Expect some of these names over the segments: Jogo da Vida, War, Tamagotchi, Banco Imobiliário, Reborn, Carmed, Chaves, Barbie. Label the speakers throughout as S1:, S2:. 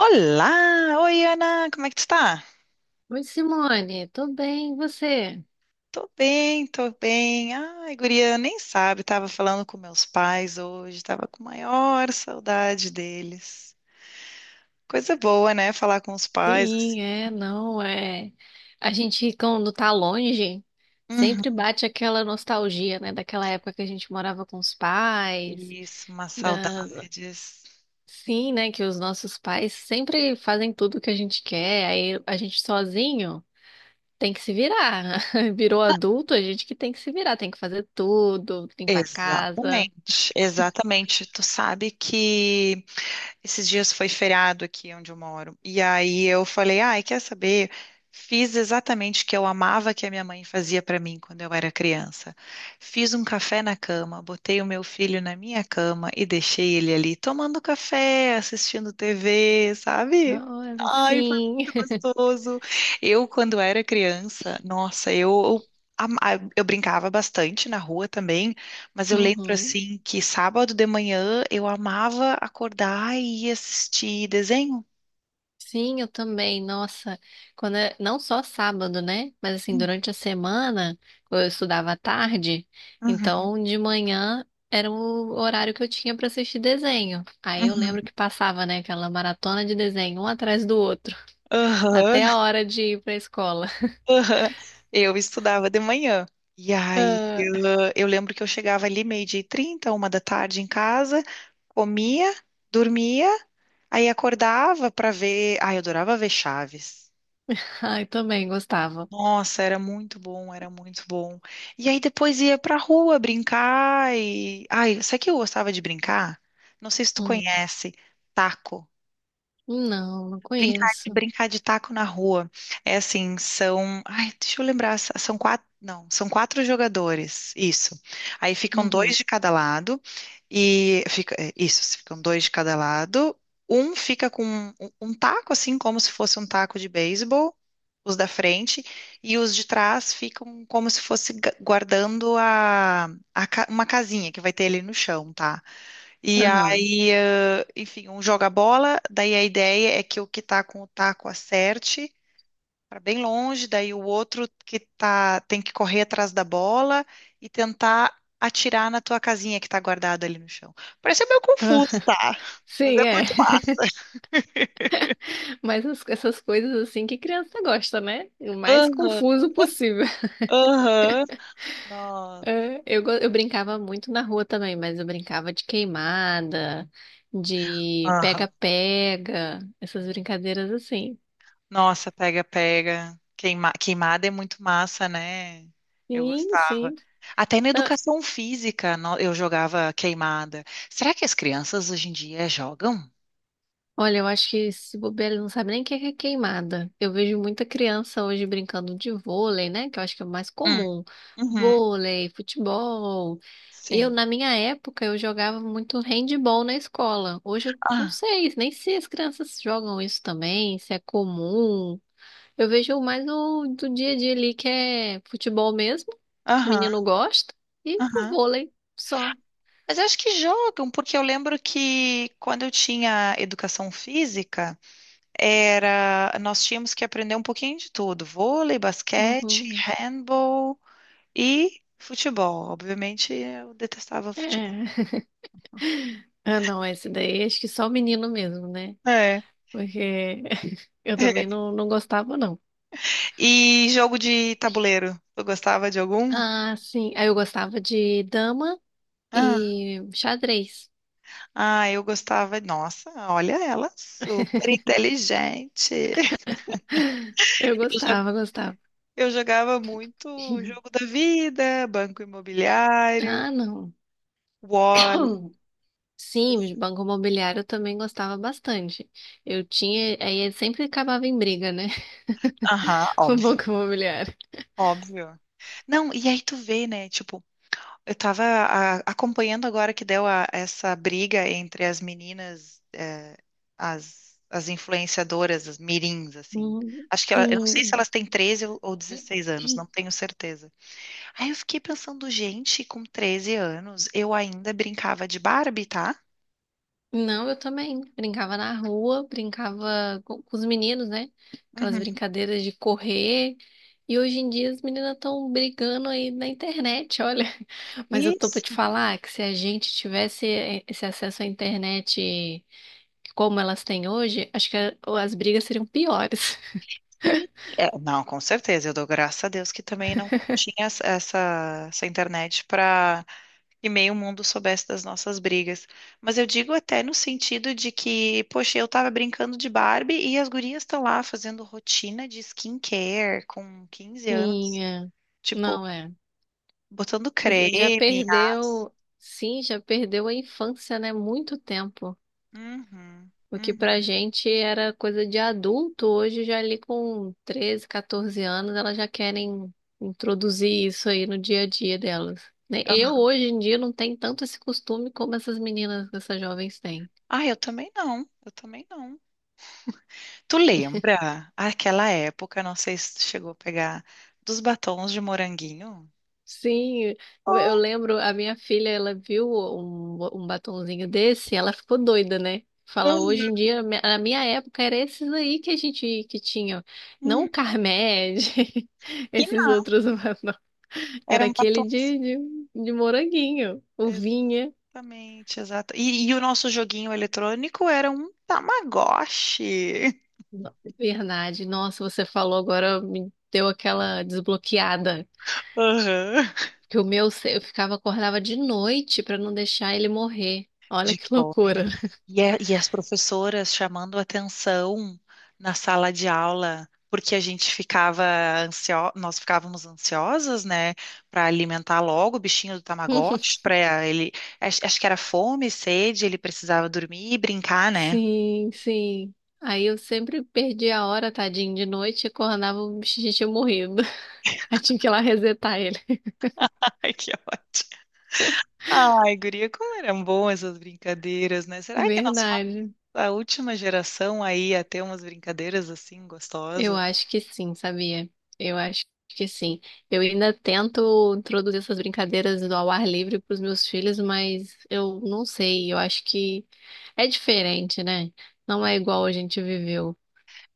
S1: Olá! Oi, Ana! Como é que tu tá?
S2: Oi, Simone, tudo bem, e você?
S1: Tô bem, tô bem. Ai, guria, nem sabe, tava falando com meus pais hoje, tava com maior saudade deles. Coisa boa, né? Falar com os pais, assim.
S2: Sim, é, não, é. A gente, quando tá longe, sempre
S1: Uhum.
S2: bate aquela nostalgia, né? Daquela época que a gente morava com os pais,
S1: Isso, umas
S2: da...
S1: saudades.
S2: sim, né? Que os nossos pais sempre fazem tudo que a gente quer, aí a gente sozinho tem que se virar. Virou adulto, a gente que tem que se virar, tem que fazer tudo, limpar a casa.
S1: Exatamente, exatamente. Tu sabe que esses dias foi feriado aqui onde eu moro. E aí eu falei, ai, quer saber? Fiz exatamente o que eu amava que a minha mãe fazia para mim quando eu era criança. Fiz um café na cama, botei o meu filho na minha cama e deixei ele ali tomando café, assistindo TV, sabe?
S2: Olha,
S1: Ai, foi
S2: sim.
S1: muito gostoso. Eu, quando era criança, nossa, eu eu brincava bastante na rua também. Mas eu lembro
S2: Uhum.
S1: assim que sábado de manhã eu amava acordar e ir assistir desenho.
S2: Sim, eu também. Nossa, não só sábado, né? Mas assim,
S1: Hum,
S2: durante a semana, eu estudava à tarde,
S1: Uhum,
S2: então de manhã era o horário que eu tinha para assistir desenho. Aí eu
S1: uhum,
S2: lembro que passava, né, aquela maratona de desenho, um atrás do outro,
S1: aham,
S2: até a hora de ir para a escola.
S1: aham. Eu estudava de manhã. E aí eu lembro que eu chegava ali 12h30, 1 da tarde em casa, comia, dormia, aí acordava para ver. Ai, eu adorava ver Chaves.
S2: Ah, ai, também gostava.
S1: Nossa, era muito bom, era muito bom. E aí depois ia pra rua brincar e... ai, sabe o que eu gostava de brincar? Não sei se tu
S2: Hum,
S1: conhece, taco.
S2: Não, não
S1: Brincar,
S2: conheço.
S1: brincar de taco na rua. É assim, são... ai, deixa eu lembrar, são 4. Não, são 4 jogadores. Isso. Aí ficam dois
S2: Uhum,
S1: de cada lado. E fica... é, isso, ficam dois de cada lado. Um fica com um taco, assim, como se fosse um taco de beisebol, os da frente, e os de trás ficam como se fosse guardando a uma casinha que vai ter ali no chão, tá? E
S2: aham.
S1: aí, enfim, um joga a bola, daí a ideia é que o que tá com o taco acerte para bem longe, daí o outro que tá tem que correr atrás da bola e tentar atirar na tua casinha que tá guardada ali no chão. Parece meio
S2: Ah,
S1: confuso, tá? Mas é
S2: sim, é.
S1: muito massa.
S2: Mas essas coisas assim que criança gosta, né? O mais
S1: Aham,
S2: confuso possível.
S1: aham. Nossa.
S2: É, eu brincava muito na rua também, mas eu brincava de queimada, de
S1: Aham.
S2: pega-pega, essas brincadeiras assim.
S1: Nossa, pega, pega. Queimada é muito massa, né? Eu
S2: Sim,
S1: gostava.
S2: sim.
S1: Até na
S2: Não,
S1: educação física eu jogava queimada. Será que as crianças hoje em dia jogam?
S2: olha, eu acho que se bobear, eles não sabem nem o que é queimada. Eu vejo muita criança hoje brincando de vôlei, né? Que eu acho que é o mais
S1: Hum,
S2: comum.
S1: uhum,
S2: Vôlei, futebol.
S1: sim.
S2: Na minha época, eu jogava muito handball na escola. Hoje eu não
S1: Ah,
S2: sei, nem se as crianças jogam isso também, se é comum. Eu vejo mais o do dia a dia ali, que é futebol mesmo, que
S1: aham,
S2: menino gosta, e o
S1: aham.
S2: vôlei só.
S1: Mas eu acho que jogam, porque eu lembro que quando eu tinha educação física, era... nós tínhamos que aprender um pouquinho de tudo: vôlei, basquete,
S2: Uhum.
S1: handball e futebol. Obviamente, eu detestava futebol.
S2: É. Ah, não, esse daí acho que só o menino mesmo, né?
S1: É.
S2: Porque eu também não gostava, não.
S1: E jogo de tabuleiro? Eu gostava de algum?
S2: Ah, sim. Aí eu gostava de dama
S1: Ah,
S2: e xadrez.
S1: ah, eu gostava. Nossa, olha ela, super inteligente.
S2: Eu
S1: Eu
S2: gostava, gostava.
S1: eu jogava muito Jogo da Vida, Banco Imobiliário,
S2: Ah, não.
S1: War.
S2: Sim, de banco imobiliário eu também gostava bastante. Aí ele sempre acabava em briga, né?
S1: Aham,
S2: O
S1: óbvio,
S2: banco imobiliário.
S1: óbvio. Não, e aí tu vê, né? Tipo, eu estava acompanhando agora que deu essa briga entre as meninas, as, as influenciadoras, as mirins, assim.
S2: Hum,
S1: Acho que ela, eu não sei se
S2: Sim.
S1: elas têm 13 ou 16 anos, não tenho certeza. Aí eu fiquei pensando, gente, com 13 anos, eu ainda brincava de Barbie, tá?
S2: Não, eu também. Brincava na rua, brincava com os meninos, né? Aquelas
S1: Uhum.
S2: brincadeiras de correr. E hoje em dia as meninas estão brigando aí na internet, olha. Mas eu tô pra te
S1: Isso.
S2: falar que se a gente tivesse esse acesso à internet como elas têm hoje, acho que as brigas seriam piores.
S1: Sim. É, não, com certeza. Eu dou graças a Deus que também não, não tinha essa internet para que meio mundo soubesse das nossas brigas. Mas eu digo até no sentido de que, poxa, eu tava brincando de Barbie e as gurias estão lá fazendo rotina de skincare com 15
S2: Sim,
S1: anos,
S2: é.
S1: tipo,
S2: Não é.
S1: botando
S2: Você já
S1: creme, as...
S2: perdeu, sim, já perdeu a infância, né? Muito tempo.
S1: Uhum,
S2: O que pra
S1: uhum.
S2: gente era coisa de adulto, hoje já ali com 13, 14 anos, elas já querem introduzir isso aí no dia a dia delas, né? Eu hoje em dia não tenho tanto esse costume como essas meninas, essas jovens têm.
S1: Ah, eu também não, eu também não. Tu lembra aquela época, não sei se tu chegou a pegar, dos batons de moranguinho?
S2: Sim, eu
S1: Oh,
S2: lembro, a minha filha, ela viu um batonzinho desse, ela ficou doida, né? Fala, hoje em
S1: uhum.
S2: dia, na minha época, era esses aí que a gente que tinha, não
S1: Uhum.
S2: o Carmed,
S1: E
S2: esses
S1: não,
S2: outros.
S1: era
S2: Era
S1: um
S2: aquele
S1: batom.
S2: de moranguinho, o vinha.
S1: Exatamente, exato. E o nosso joguinho eletrônico era um Tamagotchi.
S2: Verdade. Nossa, você falou agora, me deu aquela desbloqueada.
S1: Aham.
S2: Que o meu, eu ficava, acordava de noite pra não deixar ele morrer. Olha
S1: De
S2: que
S1: fome, né?
S2: loucura.
S1: E, e as professoras chamando atenção na sala de aula, porque a gente ficava nós ficávamos ansiosas, né, para alimentar logo o bichinho do Tamagotchi, para ele, acho que era fome, sede, ele precisava dormir e brincar, né?
S2: Sim, sim. Aí eu sempre perdi a hora, tadinho, de noite, acordava o bichinho tinha morrido. Aí tinha que ir lá resetar ele.
S1: Ai, que ótimo. Ai, guria, como eram boas essas brincadeiras, né? Será que nós...
S2: Verdade.
S1: a última geração aí a ter umas brincadeiras assim
S2: Eu
S1: gostosas.
S2: acho que sim, sabia? Eu acho que sim. Eu ainda tento introduzir essas brincadeiras do ao ar livre para os meus filhos, mas eu não sei. Eu acho que é diferente, né? Não é igual a gente viveu.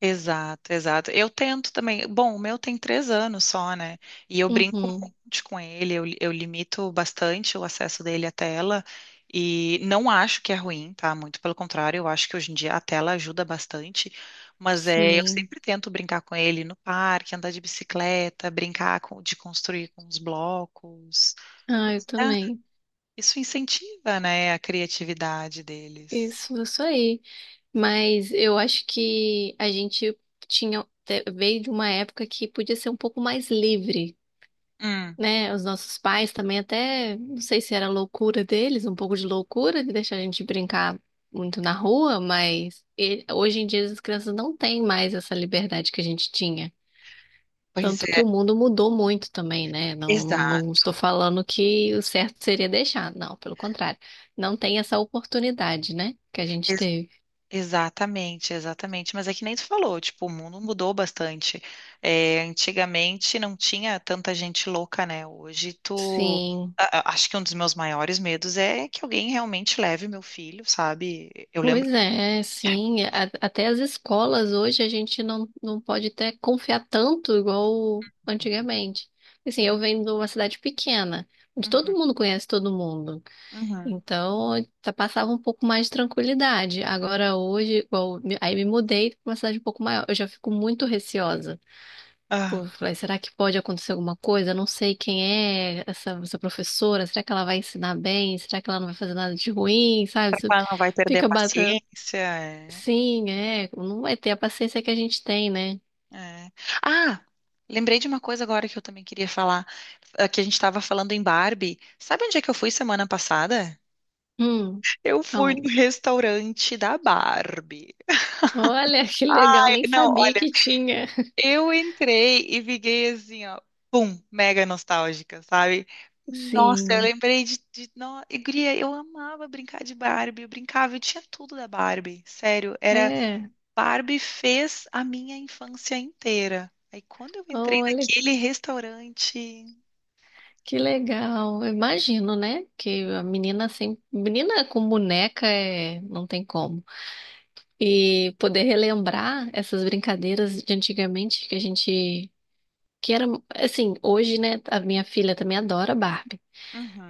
S1: Exato, exato. Eu tento também. Bom, o meu tem 3 anos só, né? E eu brinco um
S2: Uhum,
S1: monte com ele, eu limito bastante o acesso dele à tela. E não acho que é ruim, tá? Muito pelo contrário, eu acho que hoje em dia a tela ajuda bastante. Mas é, eu
S2: sim.
S1: sempre tento brincar com ele no parque, andar de bicicleta, brincar de construir com os blocos.
S2: Ah, eu
S1: Porque, ah,
S2: também.
S1: isso incentiva, né, a criatividade deles.
S2: Isso aí. Mas eu acho que a gente tinha veio de uma época que podia ser um pouco mais livre,
S1: Hum,
S2: né? Os nossos pais também até, não sei se era loucura deles, um pouco de loucura de deixar a gente brincar muito na rua, mas hoje em dia as crianças não têm mais essa liberdade que a gente tinha.
S1: pois
S2: Tanto que
S1: é,
S2: o mundo mudou muito também, né? Não, não,
S1: exa
S2: não estou falando que o certo seria deixar, não, pelo contrário. Não tem essa oportunidade, né? Que a gente
S1: ex-
S2: teve.
S1: exatamente, exatamente. Mas é que nem tu falou, tipo, o mundo mudou bastante. É, antigamente não tinha tanta gente louca, né? Hoje tu...
S2: Sim.
S1: acho que um dos meus maiores medos é que alguém realmente leve meu filho, sabe? Eu
S2: Pois
S1: lembro.
S2: é, sim. Até as escolas hoje a gente não pode até confiar tanto igual antigamente. Assim, eu
S1: Hum,
S2: venho de uma cidade pequena, onde todo
S1: uhum,
S2: mundo conhece todo mundo.
S1: uhum.
S2: Então, passava um pouco mais de tranquilidade. Agora, hoje, igual, aí me mudei para uma cidade um pouco maior. Eu já fico muito receosa. Pô,
S1: Ah,
S2: falei, será que pode acontecer alguma coisa? Eu não sei quem é essa professora. Será que ela vai ensinar bem? Será que ela não vai fazer nada de ruim? Sabe?
S1: será
S2: Você
S1: que ela não vai perder a
S2: fica batendo.
S1: paciência? É.
S2: Sim, é. Não vai ter a paciência que a gente tem, né?
S1: É. Ah, lembrei de uma coisa agora que eu também queria falar, que a gente estava falando em Barbie. Sabe onde é que eu fui semana passada?
S2: Hum,
S1: Eu fui no
S2: aonde?
S1: restaurante da Barbie.
S2: Olha, que legal,
S1: É,
S2: nem
S1: não,
S2: sabia que tinha.
S1: eu entrei e fiquei assim, ó, pum, mega nostálgica, sabe? Nossa, eu
S2: Sim,
S1: lembrei de no... e, guria, eu amava brincar de Barbie, eu brincava, eu tinha tudo da Barbie, sério, era...
S2: é.
S1: Barbie fez a minha infância inteira. Aí quando eu entrei
S2: Olha,
S1: naquele restaurante...
S2: que legal. Eu imagino, né? Que a menina sempre. Menina com boneca é, não tem como. E poder relembrar essas brincadeiras de antigamente que a gente. Que era, assim, hoje, né? A minha filha também adora Barbie.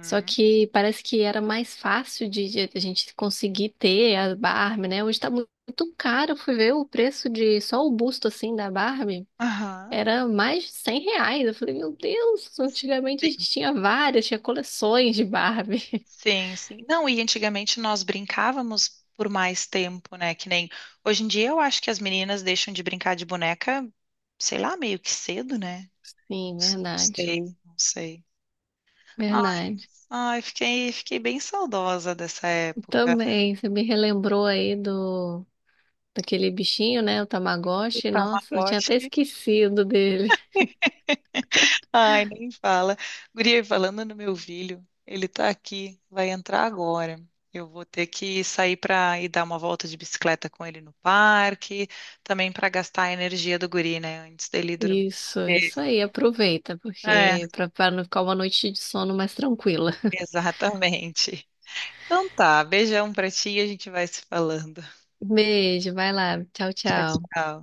S2: Só que parece que era mais fácil de a gente conseguir ter a Barbie, né? Hoje tá muito caro. Eu fui ver o preço de só o busto assim da Barbie.
S1: Aham.
S2: Era mais de R$ 100. Eu falei, meu Deus, antigamente a
S1: Sim,
S2: gente tinha várias, tinha coleções de Barbie.
S1: sim, sim. Não, e antigamente nós brincávamos por mais tempo, né? Que nem hoje em dia eu acho que as meninas deixam de brincar de boneca, sei lá, meio que cedo, né? Não
S2: Sim, verdade.
S1: sei, não sei. Ai,
S2: Verdade.
S1: ai, fiquei, fiquei bem saudosa dessa época.
S2: Também, você me relembrou aí do daquele bichinho, né? O
S1: E
S2: Tamagotchi. Nossa, eu tinha até
S1: Tamagotchi.
S2: esquecido dele.
S1: Ai, nem fala. Guria, e falando no meu filho, ele tá aqui, vai entrar agora. Eu vou ter que sair para ir dar uma volta de bicicleta com ele no parque, também para gastar a energia do guri, né, antes dele dormir.
S2: Isso,
S1: porque-
S2: isso aí, aproveita,
S1: É,
S2: porque para não ficar uma noite de sono mais tranquila.
S1: exatamente. Então tá, beijão pra ti e a gente vai se falando.
S2: Beijo, vai lá, tchau,
S1: Tchau,
S2: tchau.
S1: tchau.